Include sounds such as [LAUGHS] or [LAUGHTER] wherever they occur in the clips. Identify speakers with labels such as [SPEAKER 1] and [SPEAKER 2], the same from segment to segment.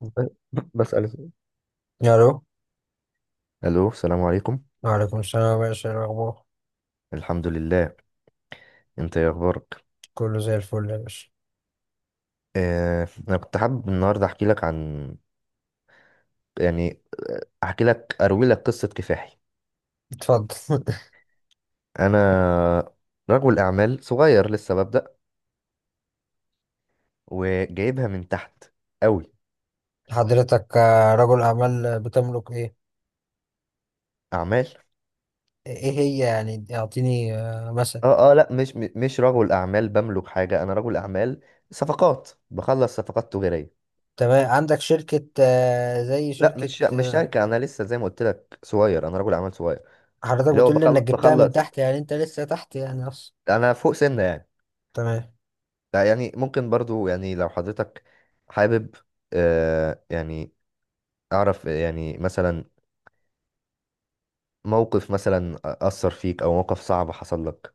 [SPEAKER 1] [LAUGHS] بسأل.
[SPEAKER 2] الو.
[SPEAKER 1] الو، السلام عليكم.
[SPEAKER 2] وعليكم السلام يا باشا، إيه الاخبار؟
[SPEAKER 1] الحمد لله. انت ايه اخبارك؟
[SPEAKER 2] كله زي الفل يا باشا.
[SPEAKER 1] انا كنت حابب النهارده احكي لك عن، يعني احكي لك اروي لك قصة كفاحي.
[SPEAKER 2] اتفضل.
[SPEAKER 1] انا رجل اعمال صغير لسه ببدأ وجايبها من تحت قوي.
[SPEAKER 2] [LAUGHS] حضرتك رجل اعمال، بتملك ايه؟
[SPEAKER 1] اعمال.
[SPEAKER 2] ايه هي يعني، اعطيني مثلا.
[SPEAKER 1] اه، اه، لا، مش رجل اعمال بملك حاجة، انا رجل اعمال. صفقات، بخلص صفقات تجارية.
[SPEAKER 2] تمام، عندك شركة زي
[SPEAKER 1] لا،
[SPEAKER 2] شركة
[SPEAKER 1] مش شركة، انا لسه زي ما قلت لك صغير، انا رجل اعمال صغير.
[SPEAKER 2] حضرتك
[SPEAKER 1] اللي هو
[SPEAKER 2] بتقول لي
[SPEAKER 1] بخل-
[SPEAKER 2] انك جبتها من
[SPEAKER 1] بخلص
[SPEAKER 2] تحت، يعني انت لسه تحت يعني اصلا؟
[SPEAKER 1] انا فوق سنة يعني.
[SPEAKER 2] تمام.
[SPEAKER 1] لا يعني ممكن برضو يعني لو حضرتك حابب، آه يعني أعرف يعني مثلا موقف، مثلا أثر فيك أو موقف صعب حصل لك.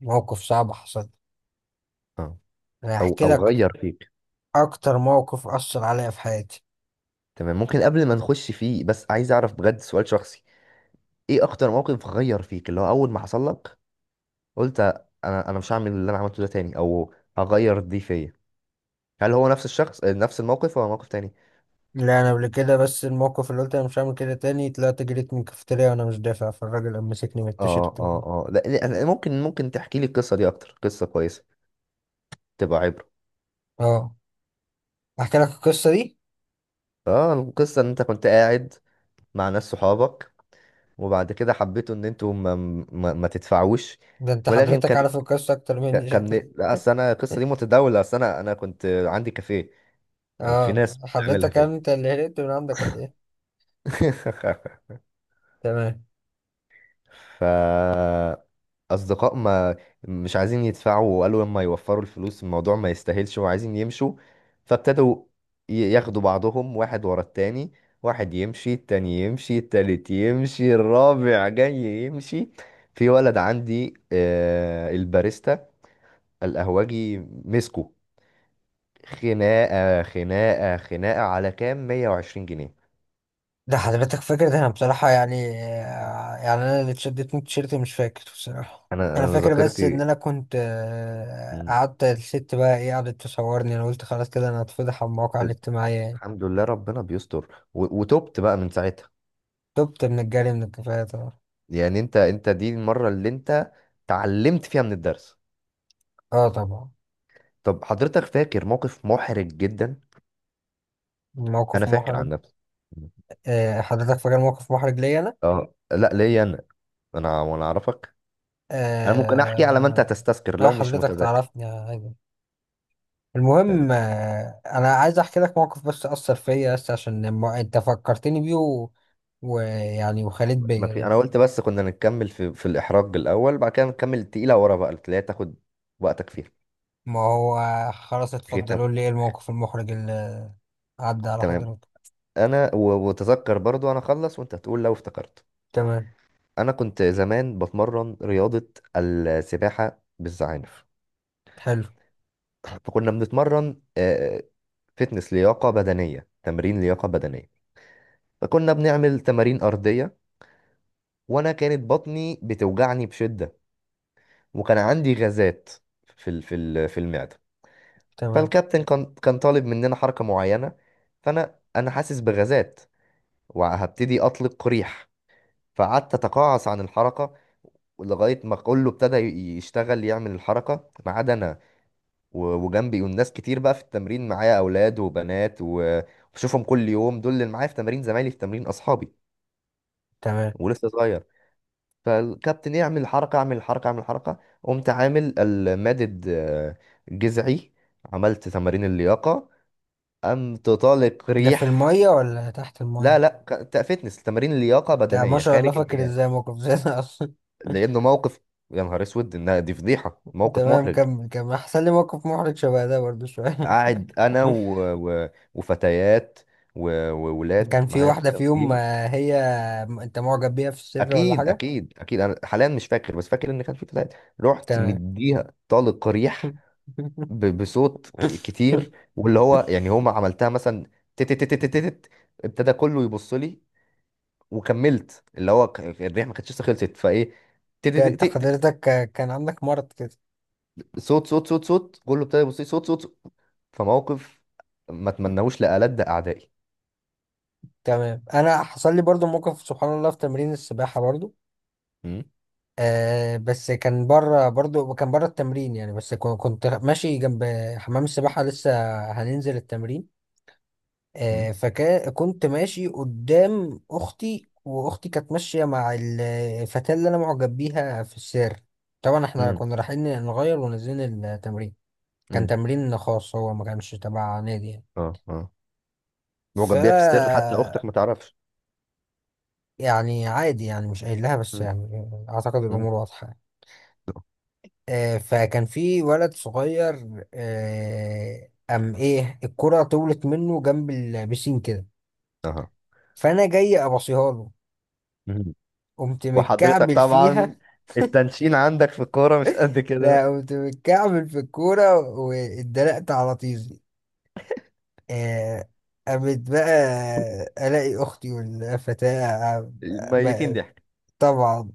[SPEAKER 2] موقف صعب حصل؟
[SPEAKER 1] اه،
[SPEAKER 2] انا
[SPEAKER 1] أو
[SPEAKER 2] هحكي
[SPEAKER 1] أو
[SPEAKER 2] لك
[SPEAKER 1] غير فيك.
[SPEAKER 2] اكتر موقف اثر عليا في حياتي.
[SPEAKER 1] تمام. ممكن قبل ما نخش فيه بس عايز أعرف بجد، سؤال شخصي. إيه أكتر موقف غير فيك اللي هو أول ما حصل لك قلت أنا مش هعمل اللي أنا عملته ده تاني أو هغير دي فيا. هل هو نفس الشخص، نفس الموقف ولا موقف تاني؟
[SPEAKER 2] لا، انا قبل كده، بس الموقف اللي قلت انا مش هعمل كده تاني، طلعت جريت من الكافيتيريا وانا مش دافع، فالراجل قام مسكني من
[SPEAKER 1] اه،
[SPEAKER 2] التيشيرت و-
[SPEAKER 1] اه، اه، لا، لا، ممكن تحكي لي القصة دي، أكتر قصة كويسة تبقى عبرة.
[SPEAKER 2] اه، احكي لك القصه دي.
[SPEAKER 1] اه. القصة ان انت كنت قاعد مع ناس صحابك، وبعد كده حبيتوا ان انتوا ما تدفعوش.
[SPEAKER 2] ده انت
[SPEAKER 1] ولكن
[SPEAKER 2] حضرتك
[SPEAKER 1] كان
[SPEAKER 2] عارف القصه اكتر مني
[SPEAKER 1] كان
[SPEAKER 2] شكلك.
[SPEAKER 1] لا، اصل انا القصة دي
[SPEAKER 2] [LAUGHS]
[SPEAKER 1] متداولة، اصل انا كنت عندي كافيه. كان في
[SPEAKER 2] اه،
[SPEAKER 1] ناس بتعملها
[SPEAKER 2] حضرتك
[SPEAKER 1] فيا.
[SPEAKER 2] انت اللي هربت من عندك ولا ايه؟ تمام.
[SPEAKER 1] [LAUGHS] ف اصدقاء ما مش عايزين يدفعوا، وقالوا لما يوفروا الفلوس الموضوع ما يستاهلش، وعايزين يمشوا. فابتدوا ياخدوا بعضهم واحد ورا التاني. واحد يمشي، التاني يمشي، التالت يمشي، الرابع جاي يمشي. في ولد عندي، الباريستا، القهوجي، مسكه. خناقة خناقة خناقة على كام، 120 جنيه.
[SPEAKER 2] ده حضرتك فاكر؟ ده انا بصراحه يعني يعني انا اللي اتشدت من التيشيرت مش فاكر بصراحه.
[SPEAKER 1] انا
[SPEAKER 2] انا
[SPEAKER 1] أنا
[SPEAKER 2] فاكر بس ان
[SPEAKER 1] ذاكرتي.
[SPEAKER 2] انا كنت
[SPEAKER 1] [LAUGHS] مم.
[SPEAKER 2] قعدت الست بقى ايه قعدت تصورني، انا قلت خلاص كده انا هتفضح على المواقع الاجتماعيه يعني.
[SPEAKER 1] الحمد لله، ربنا بيستر. و- وتوبت بقى من ساعتها.
[SPEAKER 2] تبت من الجري من الكفايه طبعا.
[SPEAKER 1] يعني انت دي المرة اللي انت اتعلمت فيها من الدرس.
[SPEAKER 2] اه طبعا.
[SPEAKER 1] طب حضرتك فاكر موقف محرج جدا؟ انا
[SPEAKER 2] موقف
[SPEAKER 1] فاكر
[SPEAKER 2] محرج؟
[SPEAKER 1] عن نفسي.
[SPEAKER 2] حضرتك فاكر موقف محرج ليا انا؟
[SPEAKER 1] اه، لا، ليا انا، وانا اعرفك. انا ممكن احكي على ما انت
[SPEAKER 2] آه،
[SPEAKER 1] هتستذكر
[SPEAKER 2] اه
[SPEAKER 1] لو مش
[SPEAKER 2] حضرتك
[SPEAKER 1] متذكر.
[SPEAKER 2] تعرفني عادي.
[SPEAKER 1] تمام.
[SPEAKER 2] المهم انا عايز احكي لك موقف بس اثر فيا، بس عشان الم- انت فكرتني بيه و- ويعني، وخليت
[SPEAKER 1] ما
[SPEAKER 2] بيا
[SPEAKER 1] في، انا
[SPEAKER 2] دلوقتي.
[SPEAKER 1] قلت بس كنا نكمل في الاحراج الاول، بعد كده نكمل التقيله ورا بقى اللي هي تاخد وقتك فيها.
[SPEAKER 2] ما هو خلاص، اتفضلوا
[SPEAKER 1] ختام.
[SPEAKER 2] لي. ايه الموقف المحرج اللي عدى على
[SPEAKER 1] تمام.
[SPEAKER 2] حضرتك؟
[SPEAKER 1] انا، و- وتذكر برضو، انا اخلص وانت هتقول لو افتكرت.
[SPEAKER 2] تمام.
[SPEAKER 1] انا كنت زمان بتمرن رياضه، السباحه بالزعانف.
[SPEAKER 2] حلو.
[SPEAKER 1] فكنا بنتمرن، فتنس لياقة بدنية، تمرين لياقة بدنية. فكنا بنعمل تمارين أرضية، وأنا كانت بطني بتوجعني بشدة، وكان عندي غازات في المعدة.
[SPEAKER 2] تمام،
[SPEAKER 1] فالكابتن كان طالب مننا حركة معينة. فأنا حاسس بغازات، وهبتدي أطلق ريح. فقعدت أتقاعس عن الحركة، لغاية ما كله ابتدى يشتغل، يعمل الحركة ما عدا أنا. و- وجنبي، والناس كتير بقى في التمرين معايا، اولاد وبنات، و- وبشوفهم كل يوم، دول اللي معايا في تمرين، زمايلي في تمرين، اصحابي.
[SPEAKER 2] تمام.
[SPEAKER 1] ولسه صغير. فالكابتن يعمل حركه، اعمل حركه، اعمل حركه، قمت عامل المادد، جذعي. عملت تمارين اللياقه، قمت طالق
[SPEAKER 2] ده في
[SPEAKER 1] ريح.
[SPEAKER 2] المية ولا تحت
[SPEAKER 1] لا،
[SPEAKER 2] المية؟
[SPEAKER 1] لا، فتنس تمارين اللياقه
[SPEAKER 2] انت ما
[SPEAKER 1] بدنيه
[SPEAKER 2] شاء الله
[SPEAKER 1] خارج
[SPEAKER 2] فاكر
[SPEAKER 1] المياه.
[SPEAKER 2] ازاي موقف زي ده اصلا؟ [LAUGHS]
[SPEAKER 1] لانه موقف، يا نهار اسود، انها دي فضيحه، موقف
[SPEAKER 2] تمام،
[SPEAKER 1] محرج.
[SPEAKER 2] كمل كمل احسن لي موقف محرج شبه ده برضه شوية.
[SPEAKER 1] قاعد انا
[SPEAKER 2] [LAUGHS]
[SPEAKER 1] و... و... وفتيات، و- وولاد
[SPEAKER 2] كان في
[SPEAKER 1] معايا في
[SPEAKER 2] واحدة في يوم
[SPEAKER 1] التمرين.
[SPEAKER 2] هي انت معجب بيها في السر ولا
[SPEAKER 1] اكيد،
[SPEAKER 2] حاجة؟
[SPEAKER 1] اكيد، اكيد، انا حاليا مش فاكر، بس فاكر ان كان في فتاة. رحت
[SPEAKER 2] تمام.
[SPEAKER 1] مديها طلق ريح، ب- بصوت كتير، واللي هو يعني هما عملتها مثلا. تت تت تت تت تت، ابتدى كله يبص لي، وكملت اللي هو، الريح ما كانتش لسه خلصت فايه. تت
[SPEAKER 2] ده
[SPEAKER 1] تت
[SPEAKER 2] انت
[SPEAKER 1] تت تت،
[SPEAKER 2] حضرتك كان عندك مرض كده؟
[SPEAKER 1] صوت صوت صوت صوت، كله ابتدى يبص لي، صوت صوت صوت. فموقف ما اتمناهوش لألد اعدائي.
[SPEAKER 2] تمام. انا حصل لي برضو موقف سبحان الله في تمرين السباحه برضو.
[SPEAKER 1] م-
[SPEAKER 2] آه بس كان بره برضو، كان بره التمرين يعني، بس كو- كنت ماشي جنب حمام السباحه، لسه هننزل التمرين.
[SPEAKER 1] م-
[SPEAKER 2] آه فكنت ماشي قدام اختي، واختي كانت ماشيه مع الفتاه اللي انا معجب بيها في السير. طبعا احنا
[SPEAKER 1] م-
[SPEAKER 2] كنا رايحين نغير ونزلنا التمرين. كان
[SPEAKER 1] م.
[SPEAKER 2] تمرين خاص، هو ما كانش تبع نادي يعني.
[SPEAKER 1] اه، اه،
[SPEAKER 2] ف
[SPEAKER 1] معجب بيها في سر حتى اختك ما تعرفش؟
[SPEAKER 2] يعني عادي يعني، مش قايل لها بس
[SPEAKER 1] م-
[SPEAKER 2] يعني اعتقد
[SPEAKER 1] م.
[SPEAKER 2] الامور واضحه. فكان في ولد صغير قام ايه الكرة طولت منه جنب البسين كده.
[SPEAKER 1] اها.
[SPEAKER 2] فانا جاي ابصيها له، قمت
[SPEAKER 1] وحضرتك
[SPEAKER 2] متكعبل
[SPEAKER 1] طبعا
[SPEAKER 2] فيها.
[SPEAKER 1] التنشين عندك في الكورة مش قد
[SPEAKER 2] لا،
[SPEAKER 1] كده.
[SPEAKER 2] قمت متكعبل في الكورة واتدلقت على طيزي. آه، قامت بقى الاقي اختي والفتاة عم-
[SPEAKER 1] ميتين
[SPEAKER 2] ما-
[SPEAKER 1] ضحك.
[SPEAKER 2] طبعا،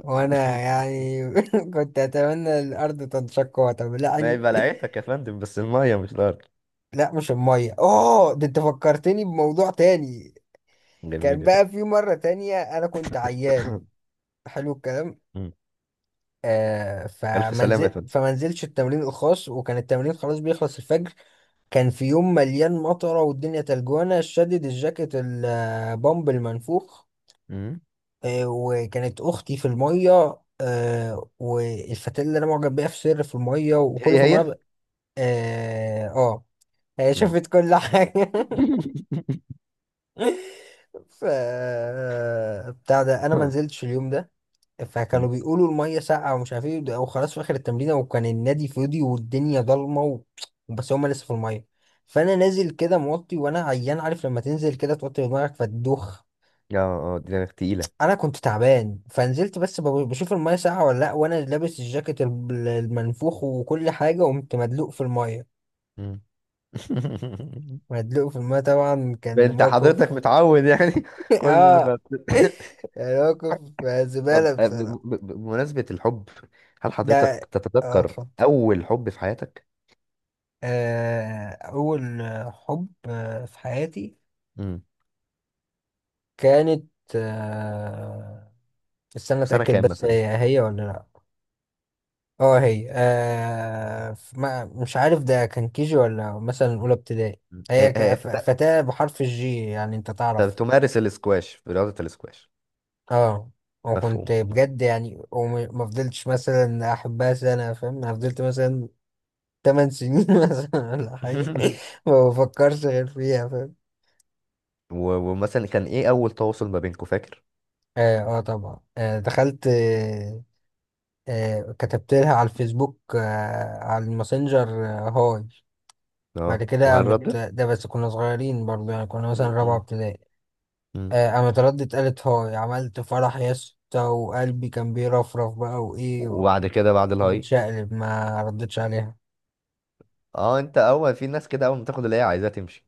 [SPEAKER 2] وانا يعني [LAUGHS] كنت اتمنى الارض تنشق
[SPEAKER 1] ما هي
[SPEAKER 2] وتبلعني.
[SPEAKER 1] بلعتك يا فندم، بس المية مش الأرض.
[SPEAKER 2] لا مش الميه، اوه ده انت فكرتني بموضوع تاني.
[SPEAKER 1] جميل
[SPEAKER 2] كان
[SPEAKER 1] يا فندم.
[SPEAKER 2] بقى في مره تانية انا كنت عيان. حلو الكلام.
[SPEAKER 1] مم.
[SPEAKER 2] آه
[SPEAKER 1] ألف سلامة يا
[SPEAKER 2] فمنزل،
[SPEAKER 1] فندم.
[SPEAKER 2] فمنزلش التمرين الخاص، وكان التمرين خلاص بيخلص الفجر. كان في يوم مليان مطره والدنيا تلجوانه، شدد الجاكيت البامب المنفوخ.
[SPEAKER 1] مم.
[SPEAKER 2] آه، وكانت اختي في الميه، آه والفتاة اللي انا معجب بيها في سر في الميه، وكله
[SPEAKER 1] هي
[SPEAKER 2] في
[SPEAKER 1] هي.
[SPEAKER 2] الميه. اه آه. هي
[SPEAKER 1] مم.
[SPEAKER 2] شافت كل حاجة. [LAUGHS]
[SPEAKER 1] [LAUGHS]
[SPEAKER 2] ف بتاع ده، انا ما نزلتش اليوم ده. فكانوا
[SPEAKER 1] مم.
[SPEAKER 2] بيقولوا المية ساقعة ومش عارف ايه ده- وخلاص في اخر التمرين وكان النادي فاضي والدنيا ضلمة و... بس هما لسه في المية. فانا نازل كده موطي، وانا عيان عارف لما تنزل كده توطي دماغك فتدوخ.
[SPEAKER 1] اه، اه، دماغ تقيلة.
[SPEAKER 2] انا كنت تعبان، فنزلت بس ب- بشوف المية ساقعة ولا لا، وانا لابس الجاكيت ال- المنفوخ وكل حاجة، قمت مدلوق في المية.
[SPEAKER 1] مم. [LAUGHS]
[SPEAKER 2] مدلوق في المية طبعا، كان
[SPEAKER 1] انت حضرتك
[SPEAKER 2] موقف.
[SPEAKER 1] متعود يعني، [LAUGHS]
[SPEAKER 2] [LAUGHS]
[SPEAKER 1] كل ما
[SPEAKER 2] اه،
[SPEAKER 1] [LAUGHS]
[SPEAKER 2] يعني موقف
[SPEAKER 1] طب،
[SPEAKER 2] زبالة بصراحة.
[SPEAKER 1] بمناسبة الحب، هل
[SPEAKER 2] ده
[SPEAKER 1] حضرتك
[SPEAKER 2] اه،
[SPEAKER 1] تتذكر
[SPEAKER 2] اتفضل.
[SPEAKER 1] أول حب في حياتك؟
[SPEAKER 2] أول حب في حياتي،
[SPEAKER 1] مم.
[SPEAKER 2] كانت آه، استنى
[SPEAKER 1] في سنة
[SPEAKER 2] أتأكد،
[SPEAKER 1] كام
[SPEAKER 2] بس
[SPEAKER 1] مثلا؟
[SPEAKER 2] هي هي ولا لأ. اه هي ف- ما مش عارف، ده كان كيجي ولا مثلا أولى ابتدائي.
[SPEAKER 1] مم.
[SPEAKER 2] هي ك-
[SPEAKER 1] آه،
[SPEAKER 2] ف- فتاة بحرف الجي يعني، أنت تعرف.
[SPEAKER 1] تمارس الاسكواش، رياضة الاسكواش.
[SPEAKER 2] اه، وكنت
[SPEAKER 1] مفهوم، مفهوم.
[SPEAKER 2] بجد يعني وما ما فضلتش مثلا أحبها سنة فاهم، أنا فضلت مثلا تمن سنين [LAUGHS] مثلا ولا حاجة.
[SPEAKER 1] [LAUGHS]
[SPEAKER 2] ما بفكرش غير فيها فاهم.
[SPEAKER 1] و- ومثلا كان ايه اول تواصل ما بينكم، فاكر؟
[SPEAKER 2] اه آه طبعا، آه دخلت آه، آه كتبت لها على الفيسبوك، آه على الماسنجر، آه هاي. بعد
[SPEAKER 1] اه،
[SPEAKER 2] كده
[SPEAKER 1] وهل فاكر
[SPEAKER 2] قامت،
[SPEAKER 1] ردت؟
[SPEAKER 2] ده بس كنا صغيرين برضه يعني، كنا مثلا
[SPEAKER 1] م-
[SPEAKER 2] رابعة
[SPEAKER 1] م-
[SPEAKER 2] ابتدائي.
[SPEAKER 1] م.
[SPEAKER 2] قامت ردت قالت هاي، عملت فرح يا اسطى، وقلبي كان بيرفرف بقى وإيه.
[SPEAKER 1] وبعد كده، بعد الهاي؟
[SPEAKER 2] وبتشقلب ما ردتش عليها.
[SPEAKER 1] اه، انت اول، في ناس كده اول ما تاخد اللي هي عايزاها تمشي.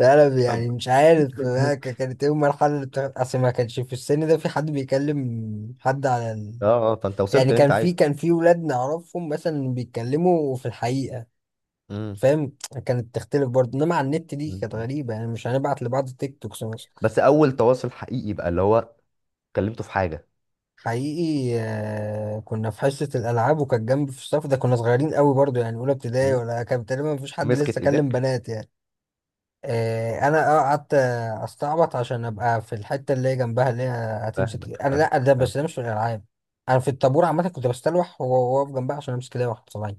[SPEAKER 2] لا انا يعني
[SPEAKER 1] طب.
[SPEAKER 2] مش عارف بقى
[SPEAKER 1] [LAUGHS]
[SPEAKER 2] ك- كانت ايه المرحله اللي بتاعت، اصل ما كانش في السن ده في حد بيكلم حد على ال...
[SPEAKER 1] اه، اه، فانت وصلت
[SPEAKER 2] يعني
[SPEAKER 1] اللي انت
[SPEAKER 2] كان في
[SPEAKER 1] عايزه.
[SPEAKER 2] كان في ولاد نعرفهم مثلا بيتكلموا في الحقيقه،
[SPEAKER 1] م-
[SPEAKER 2] فاهم. كانت تختلف برضه، انما على النت دي
[SPEAKER 1] م-
[SPEAKER 2] كانت
[SPEAKER 1] م.
[SPEAKER 2] غريبه يعني، مش هنبعت لبعض تيك توكس مثلا.
[SPEAKER 1] بس اول تواصل حقيقي بقى اللي هو كلمته في حاجة؟
[SPEAKER 2] حقيقي آه، كنا في حصه الالعاب، وكانت جنبي في الصف، ده كنا صغيرين قوي برضه يعني اولى ابتدائي
[SPEAKER 1] م.
[SPEAKER 2] ولا، كان تقريبا مفيش حد لسه
[SPEAKER 1] مسكت
[SPEAKER 2] كلم
[SPEAKER 1] ايدك؟
[SPEAKER 2] بنات يعني. إيه، انا اه قعدت استعبط عشان ابقى في الحته اللي هي جنبها، اللي هي هتمسك
[SPEAKER 1] فاهمك،
[SPEAKER 2] انا،
[SPEAKER 1] فاهمك،
[SPEAKER 2] لا، ده بس ده
[SPEAKER 1] فاهمك.
[SPEAKER 2] مش في الالعاب. انا في الطابور عامه كنت بستلوح وهو واقف جنبها عشان امسك ايديها واحد صباعي.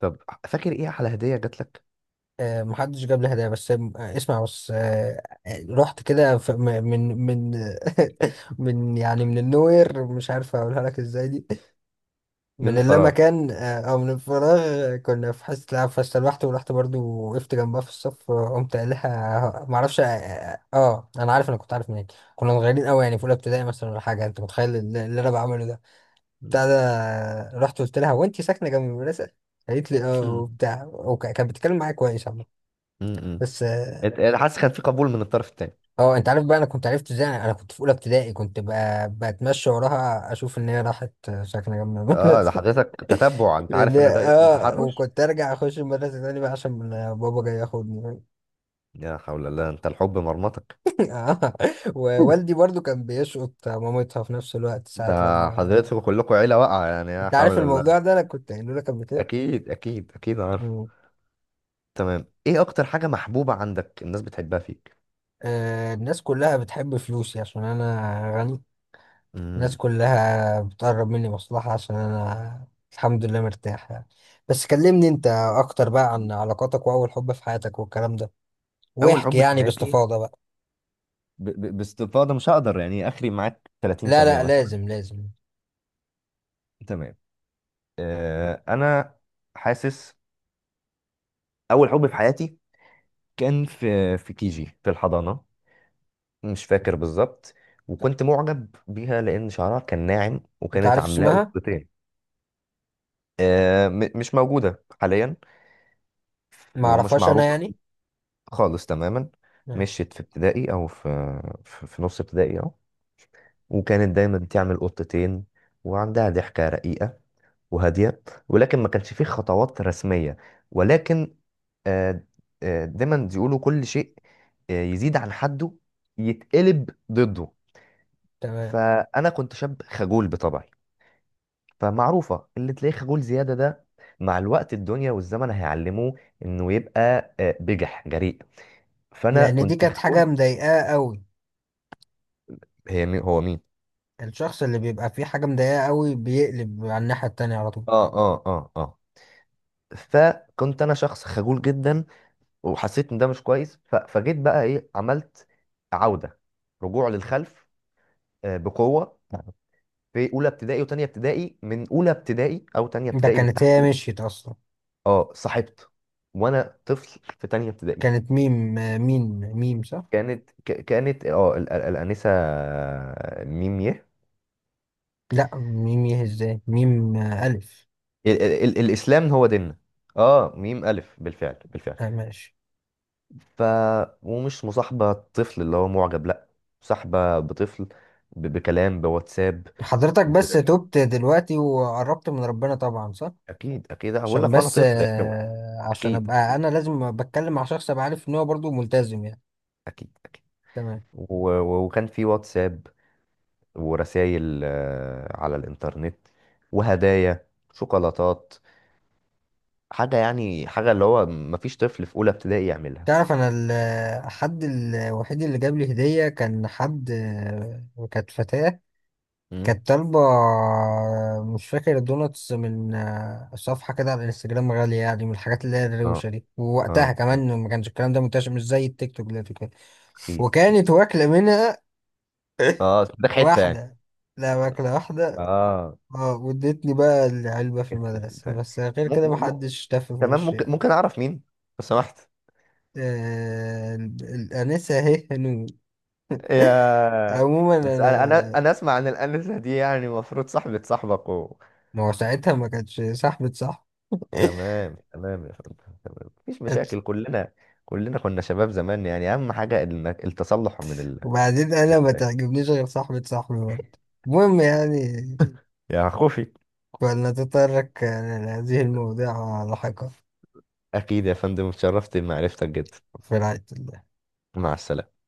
[SPEAKER 1] طب فاكر ايه احلى هدية جات لك؟
[SPEAKER 2] محدش جاب لي هدايا، بس اسمع، بس رحت كده في- م- من [LAUGHS] من يعني من النوير، مش عارف اقولها لك ازاي دي، من
[SPEAKER 1] من فراغ.
[SPEAKER 2] اللامكان او من الفراغ. كنا في حصه العاب، فاستلوحت ورحت برضو وقفت جنبها في الصف، قمت قايل لها ما اعرفش اه، انا عارف، انا كنت عارف منين. كنا صغيرين قوي يعني في اولى ابتدائي مثلا ولا حاجه، انت متخيل اللي انا بعمله ده؟
[SPEAKER 1] م.
[SPEAKER 2] بتاع ده رحت قلت لها، هو انت ساكنه جنب المدرسه؟ قالت لي اه
[SPEAKER 1] م-
[SPEAKER 2] وبتاع، وكانت بتتكلم معايا كويس عامه.
[SPEAKER 1] م.
[SPEAKER 2] بس
[SPEAKER 1] [LAUGHS] انت، أنا حاسس كان في قبول من الطرف التاني.
[SPEAKER 2] اه، انت عارف بقى انا كنت عرفت ازاي؟ انا كنت في اولى ابتدائي، كنت بقى بتمشى وراها اشوف ان هي راحت ساكنه جنب
[SPEAKER 1] اه، ده
[SPEAKER 2] المدرسه. [LAUGHS]
[SPEAKER 1] حضرتك تتبع؟ انت
[SPEAKER 2] لان
[SPEAKER 1] عارف ان ده اسمه
[SPEAKER 2] اه،
[SPEAKER 1] تحرش.
[SPEAKER 2] وكنت ارجع اخش المدرسه تاني بقى عشان بابا جاي ياخدني.
[SPEAKER 1] يا حول الله، انت الحب مرمطك.
[SPEAKER 2] [LAUGHS] اه،
[SPEAKER 1] [LAUGHS]
[SPEAKER 2] ووالدي برضو كان بيشقط مامتها في نفس الوقت
[SPEAKER 1] ده
[SPEAKER 2] ساعه لما.
[SPEAKER 1] حضرتكم كلكم عيلة واقعة يعني، يا
[SPEAKER 2] انت
[SPEAKER 1] حول
[SPEAKER 2] عارف
[SPEAKER 1] الله.
[SPEAKER 2] الموضوع ده، انا كنت قايله لك قبل كده.
[SPEAKER 1] اكيد، اكيد، اكيد عارف.
[SPEAKER 2] مم.
[SPEAKER 1] تمام. ايه اكتر حاجة محبوبة عندك الناس بتحبها فيك؟
[SPEAKER 2] آه، الناس كلها بتحب فلوسي عشان انا غني. الناس
[SPEAKER 1] امم
[SPEAKER 2] كلها بتقرب مني مصلحة عشان أنا الحمد لله مرتاح يعني. بس كلمني أنت أكتر بقى عن علاقاتك وأول حب في حياتك والكلام ده،
[SPEAKER 1] اول
[SPEAKER 2] واحكي
[SPEAKER 1] حب في
[SPEAKER 2] يعني
[SPEAKER 1] حياتي،
[SPEAKER 2] باستفاضة بقى.
[SPEAKER 1] ب... ب... باستفاضة مش هقدر يعني اخري معاك 30
[SPEAKER 2] لا
[SPEAKER 1] ثانية
[SPEAKER 2] لا،
[SPEAKER 1] مثلا.
[SPEAKER 2] لازم لازم.
[SPEAKER 1] تمام. انا حاسس، اول حب في حياتي كان في كيجي، في الحضانة، مش فاكر بالظبط. وكنت معجب بيها لأن شعرها كان ناعم
[SPEAKER 2] أنت
[SPEAKER 1] وكانت
[SPEAKER 2] عارف
[SPEAKER 1] عاملاه
[SPEAKER 2] اسمها؟
[SPEAKER 1] قطتين. مش موجودة حاليا. ومش
[SPEAKER 2] معرفهاش أنا
[SPEAKER 1] معروفة
[SPEAKER 2] يعني.
[SPEAKER 1] خالص تماما.
[SPEAKER 2] ماشي.
[SPEAKER 1] مشيت في ابتدائي، أو في نص ابتدائي أهو. وكانت دايما تعمل قطتين، وعندها ضحكة رقيقة وهادية. ولكن ما كانش فيه خطوات رسمية، ولكن آه، دايما يقولوا كل شيء يزيد عن حده، يتقلب ضده.
[SPEAKER 2] تمام.
[SPEAKER 1] فأنا كنت شاب خجول بطبعي، فمعروفة اللي تلاقيه خجول زيادة ده، مع الوقت الدنيا والزمن هيعلموه انه يبقى بجح، جريء. فانا
[SPEAKER 2] لأن دي
[SPEAKER 1] كنت
[SPEAKER 2] كانت حاجة
[SPEAKER 1] خجول.
[SPEAKER 2] مضايقاه أوي.
[SPEAKER 1] هو مين؟
[SPEAKER 2] الشخص اللي بيبقى فيه حاجة مضايقاه أوي بيقلب على الناحية التانية على طول.
[SPEAKER 1] اه، اه، اه، اه، فكنت انا شخص خجول جدا. وحسيت ان ده مش كويس، ف... فجيت بقى ايه، عملت عودة، رجوع للخلف، بقوة. في اولى ابتدائي وتانية ابتدائي، من اولى ابتدائي او تانية
[SPEAKER 2] ده
[SPEAKER 1] ابتدائي
[SPEAKER 2] كانت هي
[SPEAKER 1] بالتحديد.
[SPEAKER 2] مشيت أصلا.
[SPEAKER 1] اه، صاحبت وانا طفل في تانية ابتدائي.
[SPEAKER 2] كانت ميم، ميم ميم صح؟
[SPEAKER 1] كانت ك- كانت اه ال- ال- الانسه ميم يه.
[SPEAKER 2] لا، ميم ايه ازاي؟ ميم ألف.
[SPEAKER 1] الاسلام هو ديننا. اه، ميم الف بالفعل، بالفعل.
[SPEAKER 2] آه ماشي.
[SPEAKER 1] ف ومش مصاحبه طفل اللي هو معجب لا، مصاحبه بطفل، ب- بكلام بواتساب.
[SPEAKER 2] حضرتك
[SPEAKER 1] ب...
[SPEAKER 2] بس تبت دلوقتي وقربت من ربنا طبعا صح؟
[SPEAKER 1] اكيد، اكيد هقول
[SPEAKER 2] عشان
[SPEAKER 1] لك وانا
[SPEAKER 2] بس
[SPEAKER 1] طفل، [LAUGHS] يعني،
[SPEAKER 2] عشان
[SPEAKER 1] اكيد،
[SPEAKER 2] ابقى
[SPEAKER 1] اكيد،
[SPEAKER 2] انا لازم بتكلم مع شخص ابقى عارف ان هو برضه ملتزم يعني.
[SPEAKER 1] اكيد، اكيد.
[SPEAKER 2] تمام.
[SPEAKER 1] و... و- وكان في واتساب، ورسائل على الانترنت، وهدايا، شوكولاتات. حاجه يعني، حاجه اللي هو مفيش طفل في اولى ابتدائي يعملها.
[SPEAKER 2] تعرف انا ال- الحد الوحيد اللي جاب لي هدية كان حد، كانت فتاة.
[SPEAKER 1] مم.
[SPEAKER 2] كانت طالبة مش فاكر دوناتس من صفحة كده على الانستجرام غالية يعني، من الحاجات اللي هي
[SPEAKER 1] اه،
[SPEAKER 2] الروشة دي، ووقتها
[SPEAKER 1] اه، اه،
[SPEAKER 2] كمان ما كانش الكلام ده منتشر، مش زي التيك توك دلوقتي وكده.
[SPEAKER 1] اكيد، اكيد.
[SPEAKER 2] وكانت واكلة منها. ايه؟
[SPEAKER 1] اه، ده حته يعني.
[SPEAKER 2] واحدة. لا، ماكلة واحدة.
[SPEAKER 1] اه،
[SPEAKER 2] اه، وادتني بقى العلبة في
[SPEAKER 1] جت كده
[SPEAKER 2] المدرسة،
[SPEAKER 1] تاني.
[SPEAKER 2] بس غير
[SPEAKER 1] م...
[SPEAKER 2] كده
[SPEAKER 1] م...
[SPEAKER 2] محدش تف في
[SPEAKER 1] تمام.
[SPEAKER 2] وشي.
[SPEAKER 1] ممكن اعرف مين لو سمحت. [LAUGHS]
[SPEAKER 2] آه ال- الأنسة اهي هنود.
[SPEAKER 1] يا،
[SPEAKER 2] عموما
[SPEAKER 1] بس انا انا
[SPEAKER 2] أنا.
[SPEAKER 1] انا اسمع عن الانسه دي يعني المفروض صاحبه صاحبك
[SPEAKER 2] ما هو ساعتها ما كانتش صاحبة صاحب. [LAUGHS]
[SPEAKER 1] تمام، تمام يا فندم، تمام مفيش مشاكل، كلنا، كلنا كنا شباب زمان يعني، اهم حاجه انك التصلح من
[SPEAKER 2] وبعدين أنا ما تعجبنيش غير صاحبة صاحبي برضه. المهم يعني،
[SPEAKER 1] يا خوفي.
[SPEAKER 2] فلنتطرق لهذه المواضيع لاحقا.
[SPEAKER 1] اكيد يا فندم، اتشرفت بمعرفتك جدا.
[SPEAKER 2] في رعاية الله.
[SPEAKER 1] مع السلامه.